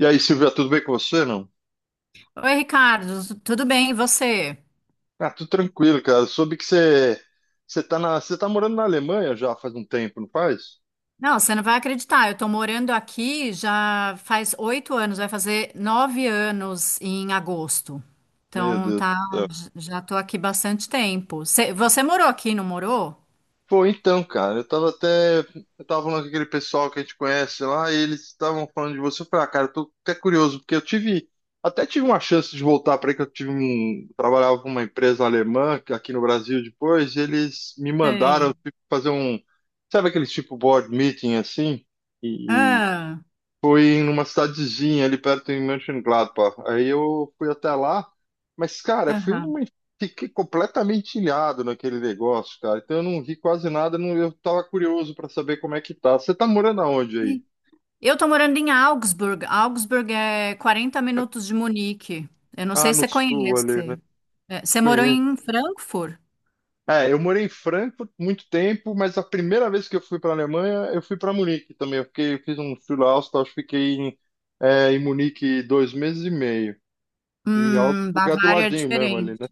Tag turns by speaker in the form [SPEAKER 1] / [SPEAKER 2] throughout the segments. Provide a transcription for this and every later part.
[SPEAKER 1] E aí, Silvia, tudo bem com você, não?
[SPEAKER 2] Oi, Ricardo, tudo bem? E você?
[SPEAKER 1] Ah, tudo tranquilo, cara. Soube que você tá morando na Alemanha já faz um tempo, não faz?
[SPEAKER 2] Não, você não vai acreditar. Eu tô morando aqui já faz 8 anos, vai fazer 9 anos em agosto.
[SPEAKER 1] Meu
[SPEAKER 2] Então,
[SPEAKER 1] Deus do
[SPEAKER 2] tá,
[SPEAKER 1] céu.
[SPEAKER 2] já tô aqui bastante tempo. Você morou aqui, não morou?
[SPEAKER 1] Pô, então, cara, eu tava falando com aquele pessoal que a gente conhece lá, e eles estavam falando de você. Eu falei, ah, cara, eu tô até curioso, porque eu tive até tive uma chance de voltar para aí que eu tive trabalhava com uma empresa alemã aqui no Brasil depois, e eles me mandaram
[SPEAKER 2] Sei.
[SPEAKER 1] tipo, fazer um, sabe aqueles tipo board meeting assim?
[SPEAKER 2] Ah,
[SPEAKER 1] Foi numa cidadezinha ali perto em Mönchengladbach. Aí eu fui até lá, mas, cara,
[SPEAKER 2] aham.
[SPEAKER 1] fiquei completamente ilhado naquele negócio, cara. Então eu não vi quase nada, não. Eu tava curioso pra saber como é que tá. Você tá morando aonde aí?
[SPEAKER 2] Sim. Eu tô morando em Augsburg. Augsburg é 40 minutos de Munique. Eu não
[SPEAKER 1] Ah,
[SPEAKER 2] sei se
[SPEAKER 1] no
[SPEAKER 2] você
[SPEAKER 1] sul ali, né?
[SPEAKER 2] conhece. É, você morou
[SPEAKER 1] Conheço.
[SPEAKER 2] em Frankfurt?
[SPEAKER 1] É, eu morei em Frankfurt muito tempo, mas a primeira vez que eu fui pra Alemanha, eu fui para Munique também. Eu fiz um Schulaustaus, fiquei em Munique 2 meses e meio. E algo lugar do
[SPEAKER 2] Bavária é
[SPEAKER 1] ladinho mesmo ali, né?
[SPEAKER 2] diferente.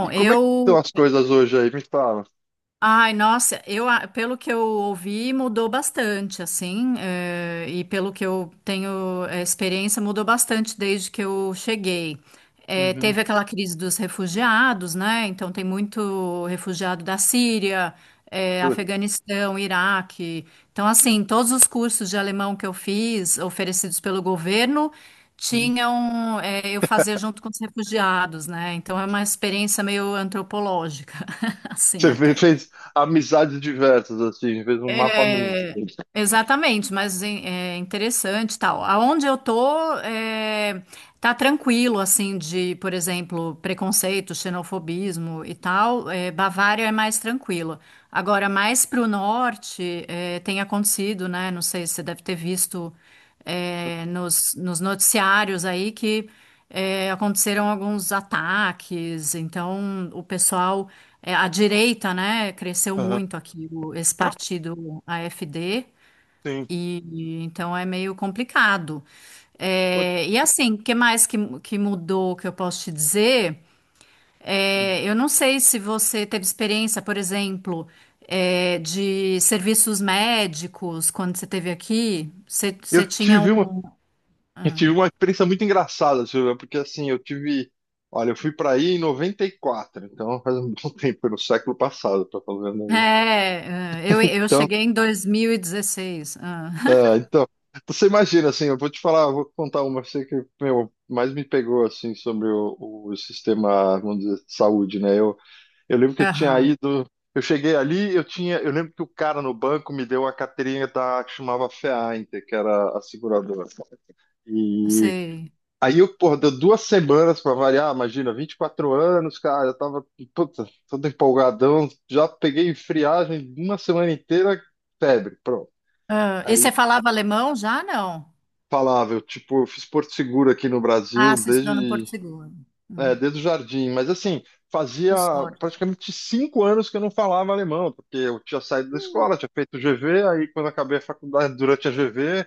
[SPEAKER 1] E como é que estão
[SPEAKER 2] eu
[SPEAKER 1] as coisas hoje aí? Me fala.
[SPEAKER 2] Ai, nossa, pelo que eu ouvi, mudou bastante, assim, e pelo que eu tenho experiência, mudou bastante desde que eu cheguei.
[SPEAKER 1] Uhum.
[SPEAKER 2] Teve aquela crise dos refugiados, né? Então, tem muito refugiado da Síria,
[SPEAKER 1] Putz.
[SPEAKER 2] Afeganistão, Iraque. Então, assim, todos os cursos de alemão que eu fiz, oferecidos pelo governo,
[SPEAKER 1] Uhum.
[SPEAKER 2] tinham, eu fazia junto com os refugiados, né? Então, é uma experiência meio antropológica, assim,
[SPEAKER 1] Você
[SPEAKER 2] até.
[SPEAKER 1] fez amizades diversas, assim, fez um mapa mundo.
[SPEAKER 2] É, exatamente, mas é interessante e tal. Aonde eu tô, é, tá tranquilo, assim, de, por exemplo, preconceito, xenofobismo e tal. É, Bavária é mais tranquilo. Agora, mais para o norte, tem acontecido, né? Não sei se você deve ter visto, nos noticiários aí que aconteceram alguns ataques. Então, o pessoal, a direita, né, cresceu
[SPEAKER 1] Aham.
[SPEAKER 2] muito aqui, esse partido AfD,
[SPEAKER 1] Sim.
[SPEAKER 2] e então é meio complicado.
[SPEAKER 1] Putz.
[SPEAKER 2] E assim, o que mais que mudou que eu posso te dizer? É, eu não sei se você teve experiência, por exemplo, é, de serviços médicos quando você esteve aqui. Você
[SPEAKER 1] Eu
[SPEAKER 2] tinha
[SPEAKER 1] tive
[SPEAKER 2] um.
[SPEAKER 1] uma, eu tive uma experiência muito engraçada, Silvia, porque assim, eu tive. Olha, eu fui para aí em 94, então faz um bom tempo, no século passado, tá falando aí.
[SPEAKER 2] É, eu
[SPEAKER 1] Então,
[SPEAKER 2] cheguei em 2016. Ah,
[SPEAKER 1] então, você imagina, assim, eu vou te falar, eu vou contar uma, eu sei que, meu, mais me pegou, assim, sobre o sistema, vamos dizer, de saúde, né? Eu lembro que eu tinha
[SPEAKER 2] Aham,
[SPEAKER 1] ido. Eu cheguei ali, eu tinha. Eu lembro que o cara no banco me deu uma carteirinha da que chamava FEAINTER, que era a seguradora. E
[SPEAKER 2] sei.
[SPEAKER 1] aí eu, porra, deu 2 semanas pra variar, imagina, 24 anos, cara, eu tava, puta, todo empolgadão, já peguei friagem uma semana inteira, febre, pronto.
[SPEAKER 2] Ah, e
[SPEAKER 1] Aí
[SPEAKER 2] você falava alemão já? Não.
[SPEAKER 1] falava, eu, tipo, eu fiz Porto Seguro aqui no Brasil
[SPEAKER 2] Ah, você estudou no Porto
[SPEAKER 1] desde.
[SPEAKER 2] Seguro.
[SPEAKER 1] É,
[SPEAKER 2] Hum,
[SPEAKER 1] desde o jardim, mas assim, fazia
[SPEAKER 2] que sorte.
[SPEAKER 1] praticamente 5 anos que eu não falava alemão, porque eu tinha saído da escola, tinha feito GV, aí quando acabei a faculdade, durante a GV,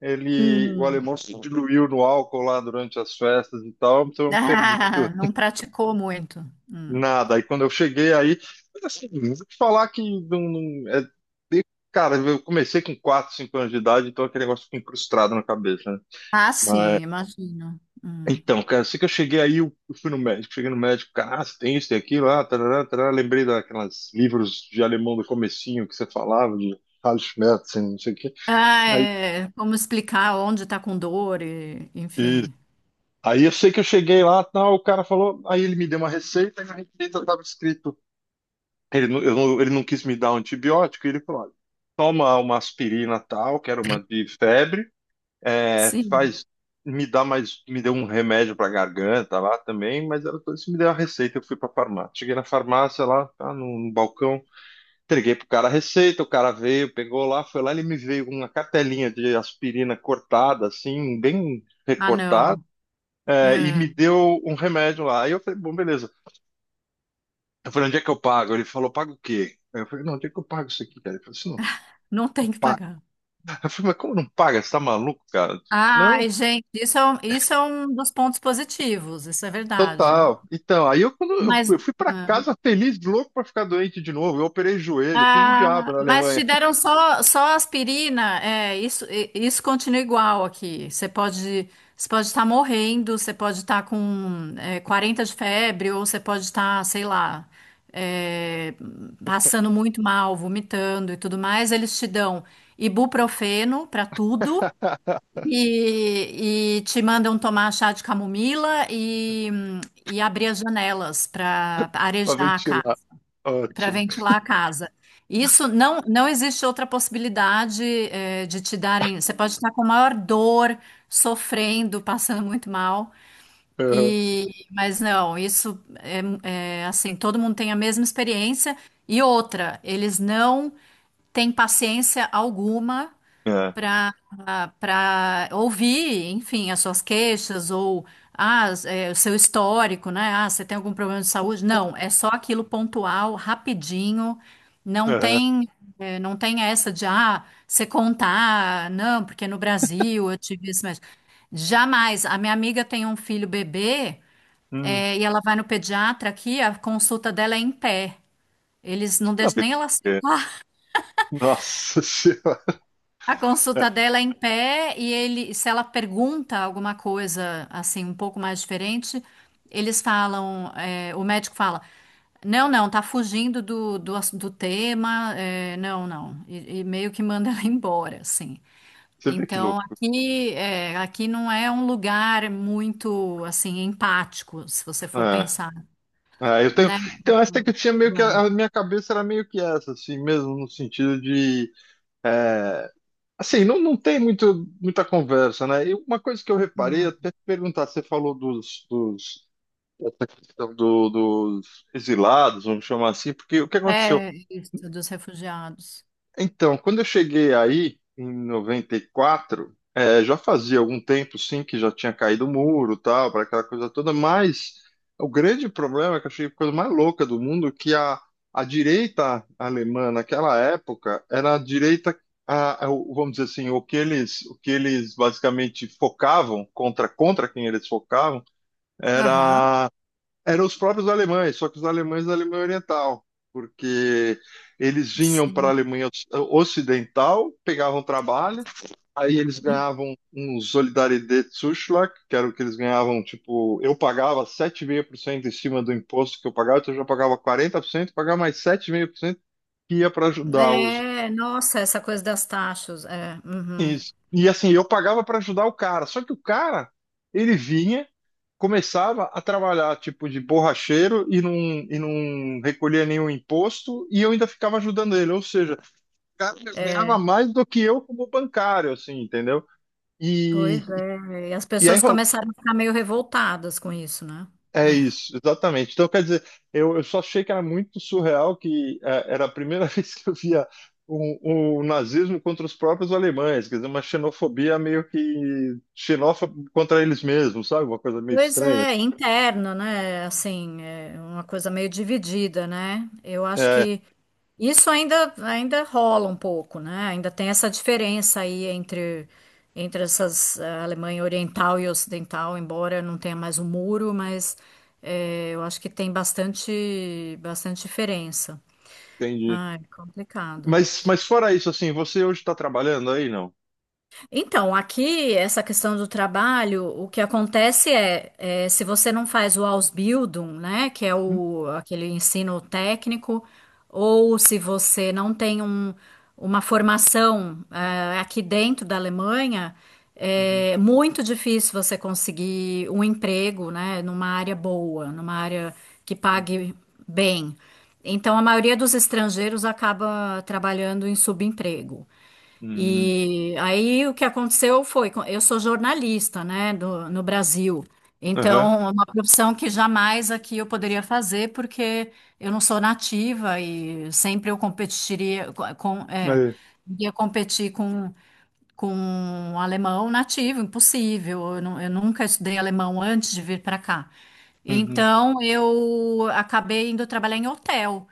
[SPEAKER 1] ele, o
[SPEAKER 2] Hum.
[SPEAKER 1] alemão se diluiu no álcool lá durante as festas e tal, então eu não perdi
[SPEAKER 2] Ah, não praticou muito. Hum.
[SPEAKER 1] nada. Aí quando eu cheguei aí, mas assim, vou te falar que não, de- cara, eu comecei com 4, 5 anos de idade, então aquele negócio fica incrustado na cabeça, né?
[SPEAKER 2] Ah, sim, imagino. Hum.
[SPEAKER 1] Então, cara, eu sei que eu cheguei aí, eu fui no médico, cheguei no médico, cara, ah, você tem isso, tem aquilo, ah, tarará, tarará. Lembrei daquelas livros de alemão do comecinho que você falava, de Carl Schmerz, assim, não sei o quê.
[SPEAKER 2] Ah,
[SPEAKER 1] Aí,
[SPEAKER 2] é, como explicar onde está com dor, e,
[SPEAKER 1] e-
[SPEAKER 2] enfim.
[SPEAKER 1] aí, eu sei que eu cheguei lá, tal, o cara falou, aí ele me deu uma receita, e na receita estava escrito, ele não quis me dar um antibiótico, e ele falou, olha, toma uma aspirina tal, que era uma de febre, é,
[SPEAKER 2] Sim.
[SPEAKER 1] faz, me dá mais, me deu um remédio para garganta lá também, mas ela falou assim, me deu a receita, eu fui para farmácia. Cheguei na farmácia lá, tá, no balcão, entreguei pro cara a receita, o cara veio, pegou lá, foi lá, ele me veio com uma cartelinha de aspirina cortada, assim, bem
[SPEAKER 2] Ah,
[SPEAKER 1] recortada,
[SPEAKER 2] não.
[SPEAKER 1] e
[SPEAKER 2] É,
[SPEAKER 1] me deu um remédio lá. Aí eu falei, bom, beleza. Eu falei, onde é que eu pago? Ele falou, paga o quê? Aí eu falei, não, onde é que eu pago isso aqui, cara? Ele falou assim,
[SPEAKER 2] não tem
[SPEAKER 1] não,
[SPEAKER 2] que
[SPEAKER 1] paga.
[SPEAKER 2] pagar.
[SPEAKER 1] Eu falei, mas como não paga? Você tá maluco, cara? Não.
[SPEAKER 2] Ai, gente, isso é um dos pontos positivos, isso é verdade.
[SPEAKER 1] Total. Então, aí eu, quando eu fui
[SPEAKER 2] Mas,
[SPEAKER 1] eu fui pra
[SPEAKER 2] ah,
[SPEAKER 1] casa feliz, louco pra ficar doente de novo. Eu operei joelho, fiz o diabo
[SPEAKER 2] ah,
[SPEAKER 1] na
[SPEAKER 2] mas te
[SPEAKER 1] Alemanha.
[SPEAKER 2] deram só, só aspirina. É, isso, isso continua igual aqui. Você pode estar morrendo, você pode estar com é, 40 de febre, ou você pode estar, sei lá, é, passando muito mal, vomitando e tudo mais. Eles te dão ibuprofeno para tudo e te mandam tomar chá de camomila e abrir as janelas para
[SPEAKER 1] Pra
[SPEAKER 2] arejar a
[SPEAKER 1] ventilar.
[SPEAKER 2] casa para
[SPEAKER 1] Ótimo.
[SPEAKER 2] ventilar a casa. Isso não, não existe outra possibilidade, de te darem. Você pode estar com maior dor, sofrendo, passando muito mal.
[SPEAKER 1] Aham.
[SPEAKER 2] E, mas não, isso é, é assim, todo mundo tem a mesma experiência. E outra, eles não têm paciência alguma
[SPEAKER 1] É.
[SPEAKER 2] para para ouvir, enfim, as suas queixas ou ah, o seu histórico, né? Ah, você tem algum problema de saúde? Não, é só aquilo pontual, rapidinho. Não
[SPEAKER 1] Aham.
[SPEAKER 2] tem, não tem essa de ah, você contar, não, porque no Brasil eu tive isso, mas jamais. A minha amiga tem um filho bebê,
[SPEAKER 1] Hum.
[SPEAKER 2] é, e ela vai no pediatra aqui, a consulta dela é em pé. Eles não
[SPEAKER 1] Não,
[SPEAKER 2] deixam nem ela sentar.
[SPEAKER 1] Nossa Senhora.
[SPEAKER 2] A consulta dela é em pé e ele, se ela pergunta alguma coisa assim um pouco mais diferente, eles falam, é, o médico fala, não, não, tá fugindo do tema, é, não, não, e meio que manda ela embora, assim.
[SPEAKER 1] Você vê que
[SPEAKER 2] Então
[SPEAKER 1] louco.
[SPEAKER 2] aqui, é, aqui não é um lugar muito assim empático, se você for
[SPEAKER 1] É.
[SPEAKER 2] pensar,
[SPEAKER 1] É, eu tenho.
[SPEAKER 2] né?
[SPEAKER 1] Então, essa que eu tinha meio que.
[SPEAKER 2] Doente.
[SPEAKER 1] A minha cabeça era meio que essa, assim, mesmo, no sentido de, é, assim, não tem muito, muita conversa, né? E uma coisa que eu reparei,
[SPEAKER 2] Hum.
[SPEAKER 1] até te perguntar, você falou dos, essa questão dos exilados, vamos chamar assim, porque o que aconteceu?
[SPEAKER 2] É isso dos refugiados.
[SPEAKER 1] Então, quando eu cheguei aí, em 94, já fazia algum tempo, sim, que já tinha caído o muro, tal, para aquela coisa toda, mas o grande problema, é que eu achei a coisa mais louca do mundo, que a direita alemã naquela época era a direita, vamos dizer assim, o que eles basicamente focavam, contra quem eles focavam,
[SPEAKER 2] Aham,
[SPEAKER 1] era eram os próprios alemães, só que os alemães da Alemanha Oriental, porque eles vinham para a
[SPEAKER 2] sim.
[SPEAKER 1] Alemanha Ocidental, pegavam trabalho, aí eles ganhavam um Solidaritätszuschlag, que era o que eles ganhavam, tipo, eu pagava sete vírgula cinco por cento em cima do imposto que eu pagava, então eu já pagava 40%, pagava mais 7,5% que ia para ajudar os.
[SPEAKER 2] É, nossa, essa coisa das taxas, é, uhum,
[SPEAKER 1] Isso. E assim, eu pagava para ajudar o cara. Só que o cara, ele vinha, começava a trabalhar tipo de borracheiro e não recolhia nenhum imposto e eu ainda ficava ajudando ele. Ou seja, o cara ganhava
[SPEAKER 2] é,
[SPEAKER 1] mais do que eu como bancário, assim, entendeu? E,
[SPEAKER 2] pois é, e as
[SPEAKER 1] e aí.
[SPEAKER 2] pessoas começaram a ficar meio revoltadas com isso, né?
[SPEAKER 1] É
[SPEAKER 2] É.
[SPEAKER 1] isso, exatamente. Então, quer dizer, eu só achei que era muito surreal que era a primeira vez que eu via o nazismo contra os próprios alemães, quer dizer, uma xenofobia meio que xenófoba contra eles mesmos, sabe? Uma coisa meio
[SPEAKER 2] Pois
[SPEAKER 1] estranha.
[SPEAKER 2] é, interno, né? Assim, é uma coisa meio dividida, né? Eu acho
[SPEAKER 1] É,
[SPEAKER 2] que isso ainda, ainda rola um pouco, né? Ainda tem essa diferença aí entre, entre essas eh, Alemanha Oriental e Ocidental, embora não tenha mais o muro, mas eu acho que tem bastante, bastante diferença.
[SPEAKER 1] entendi.
[SPEAKER 2] Ah, é complicado.
[SPEAKER 1] Mas, fora isso, assim, você hoje está trabalhando aí, não?
[SPEAKER 2] Então, aqui, essa questão do trabalho, o que acontece é, é, se você não faz o Ausbildung, né, que é
[SPEAKER 1] Hum.
[SPEAKER 2] o, aquele ensino técnico, ou se você não tem uma formação, aqui dentro da Alemanha,
[SPEAKER 1] Uhum.
[SPEAKER 2] é muito difícil você conseguir um emprego, né, numa área boa, numa área que
[SPEAKER 1] Uhum.
[SPEAKER 2] pague bem. Então, a maioria dos estrangeiros acaba trabalhando em subemprego.
[SPEAKER 1] Uhum.
[SPEAKER 2] E aí o que aconteceu foi, eu sou jornalista, né, no Brasil.
[SPEAKER 1] Aham.
[SPEAKER 2] Então, é uma profissão que jamais aqui eu poderia fazer, porque eu não sou nativa e sempre eu com, é,
[SPEAKER 1] Aí.
[SPEAKER 2] ia competir com um alemão nativo, impossível. Eu, eu nunca estudei alemão antes de vir para cá.
[SPEAKER 1] Uhum.
[SPEAKER 2] Então, eu acabei indo trabalhar em hotel.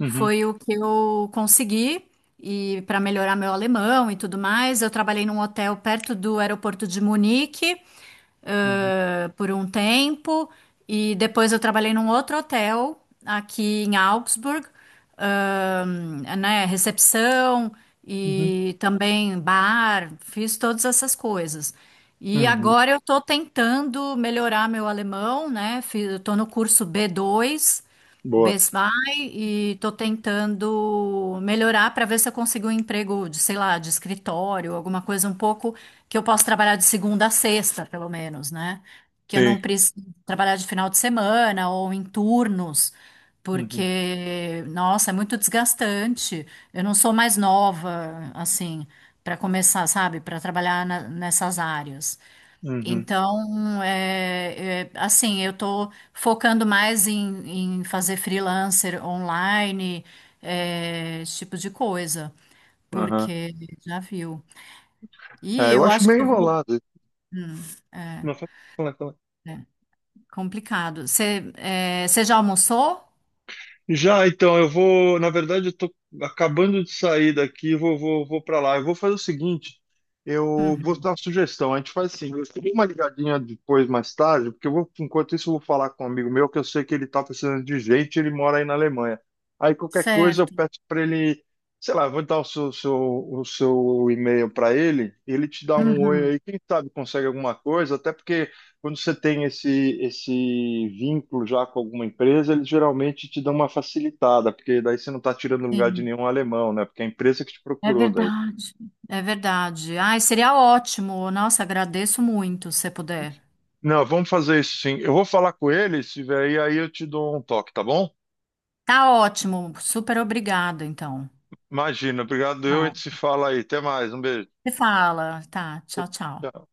[SPEAKER 1] Uhum.
[SPEAKER 2] Foi o que eu consegui e para melhorar meu alemão e tudo mais. Eu trabalhei num hotel perto do aeroporto de Munique,
[SPEAKER 1] Uhum.
[SPEAKER 2] por um tempo e depois eu trabalhei num outro hotel aqui em Augsburg, né, recepção
[SPEAKER 1] Uhum.
[SPEAKER 2] e também bar, fiz todas essas coisas. E
[SPEAKER 1] Uhum.
[SPEAKER 2] agora eu estou tentando melhorar meu alemão, né? Eu estou no curso B2.
[SPEAKER 1] Boa.
[SPEAKER 2] Best Buy e tô tentando melhorar para ver se eu consigo um emprego de, sei lá, de escritório, alguma coisa um pouco que eu possa trabalhar de segunda a sexta, pelo menos, né? Que eu
[SPEAKER 1] Sim.
[SPEAKER 2] não preciso trabalhar de final de semana ou em turnos,
[SPEAKER 1] Uhum.
[SPEAKER 2] porque, nossa, é muito desgastante. Eu não sou mais nova, assim, para começar, sabe, para trabalhar nessas áreas.
[SPEAKER 1] Uhum.
[SPEAKER 2] Então, é, é, assim, eu estou focando mais em, em fazer freelancer online, é, esse tipo de coisa,
[SPEAKER 1] Aham.
[SPEAKER 2] porque já viu. E
[SPEAKER 1] É, eu
[SPEAKER 2] eu
[SPEAKER 1] acho
[SPEAKER 2] acho que
[SPEAKER 1] meio
[SPEAKER 2] eu vou.
[SPEAKER 1] enrolado.
[SPEAKER 2] Hum, é,
[SPEAKER 1] Não, fala, fala, fala.
[SPEAKER 2] é complicado. Você é, você já almoçou?
[SPEAKER 1] Já, então, eu vou. Na verdade, eu tô acabando de sair daqui, vou, vou, vou para lá. Eu vou fazer o seguinte: eu vou
[SPEAKER 2] Uhum,
[SPEAKER 1] dar uma sugestão. A gente faz assim, eu dou uma ligadinha depois, mais tarde, porque eu vou, enquanto isso, eu vou falar com um amigo meu, que eu sei que ele tá precisando de gente, ele mora aí na Alemanha. Aí qualquer coisa eu
[SPEAKER 2] certo.
[SPEAKER 1] peço para ele, sei lá, eu vou dar o seu e-mail para ele, ele te dá um oi
[SPEAKER 2] Uhum,
[SPEAKER 1] aí, quem sabe consegue alguma coisa, até porque, quando você tem esse vínculo já com alguma empresa, eles geralmente te dão uma facilitada, porque daí você não está tirando lugar de
[SPEAKER 2] sim,
[SPEAKER 1] nenhum alemão, né? Porque é a empresa que te
[SPEAKER 2] é
[SPEAKER 1] procurou daí.
[SPEAKER 2] verdade. É verdade. Ai, seria ótimo. Nossa, agradeço muito se puder.
[SPEAKER 1] Não, vamos fazer isso sim. Eu vou falar com ele, se vier aí, aí eu te dou um toque, tá bom?
[SPEAKER 2] Tá ótimo. Super obrigada, então.
[SPEAKER 1] Imagina, obrigado. A gente se fala aí. Até mais, um beijo.
[SPEAKER 2] Você fala, tá,
[SPEAKER 1] Tchau,
[SPEAKER 2] tchau, tchau.
[SPEAKER 1] tchau.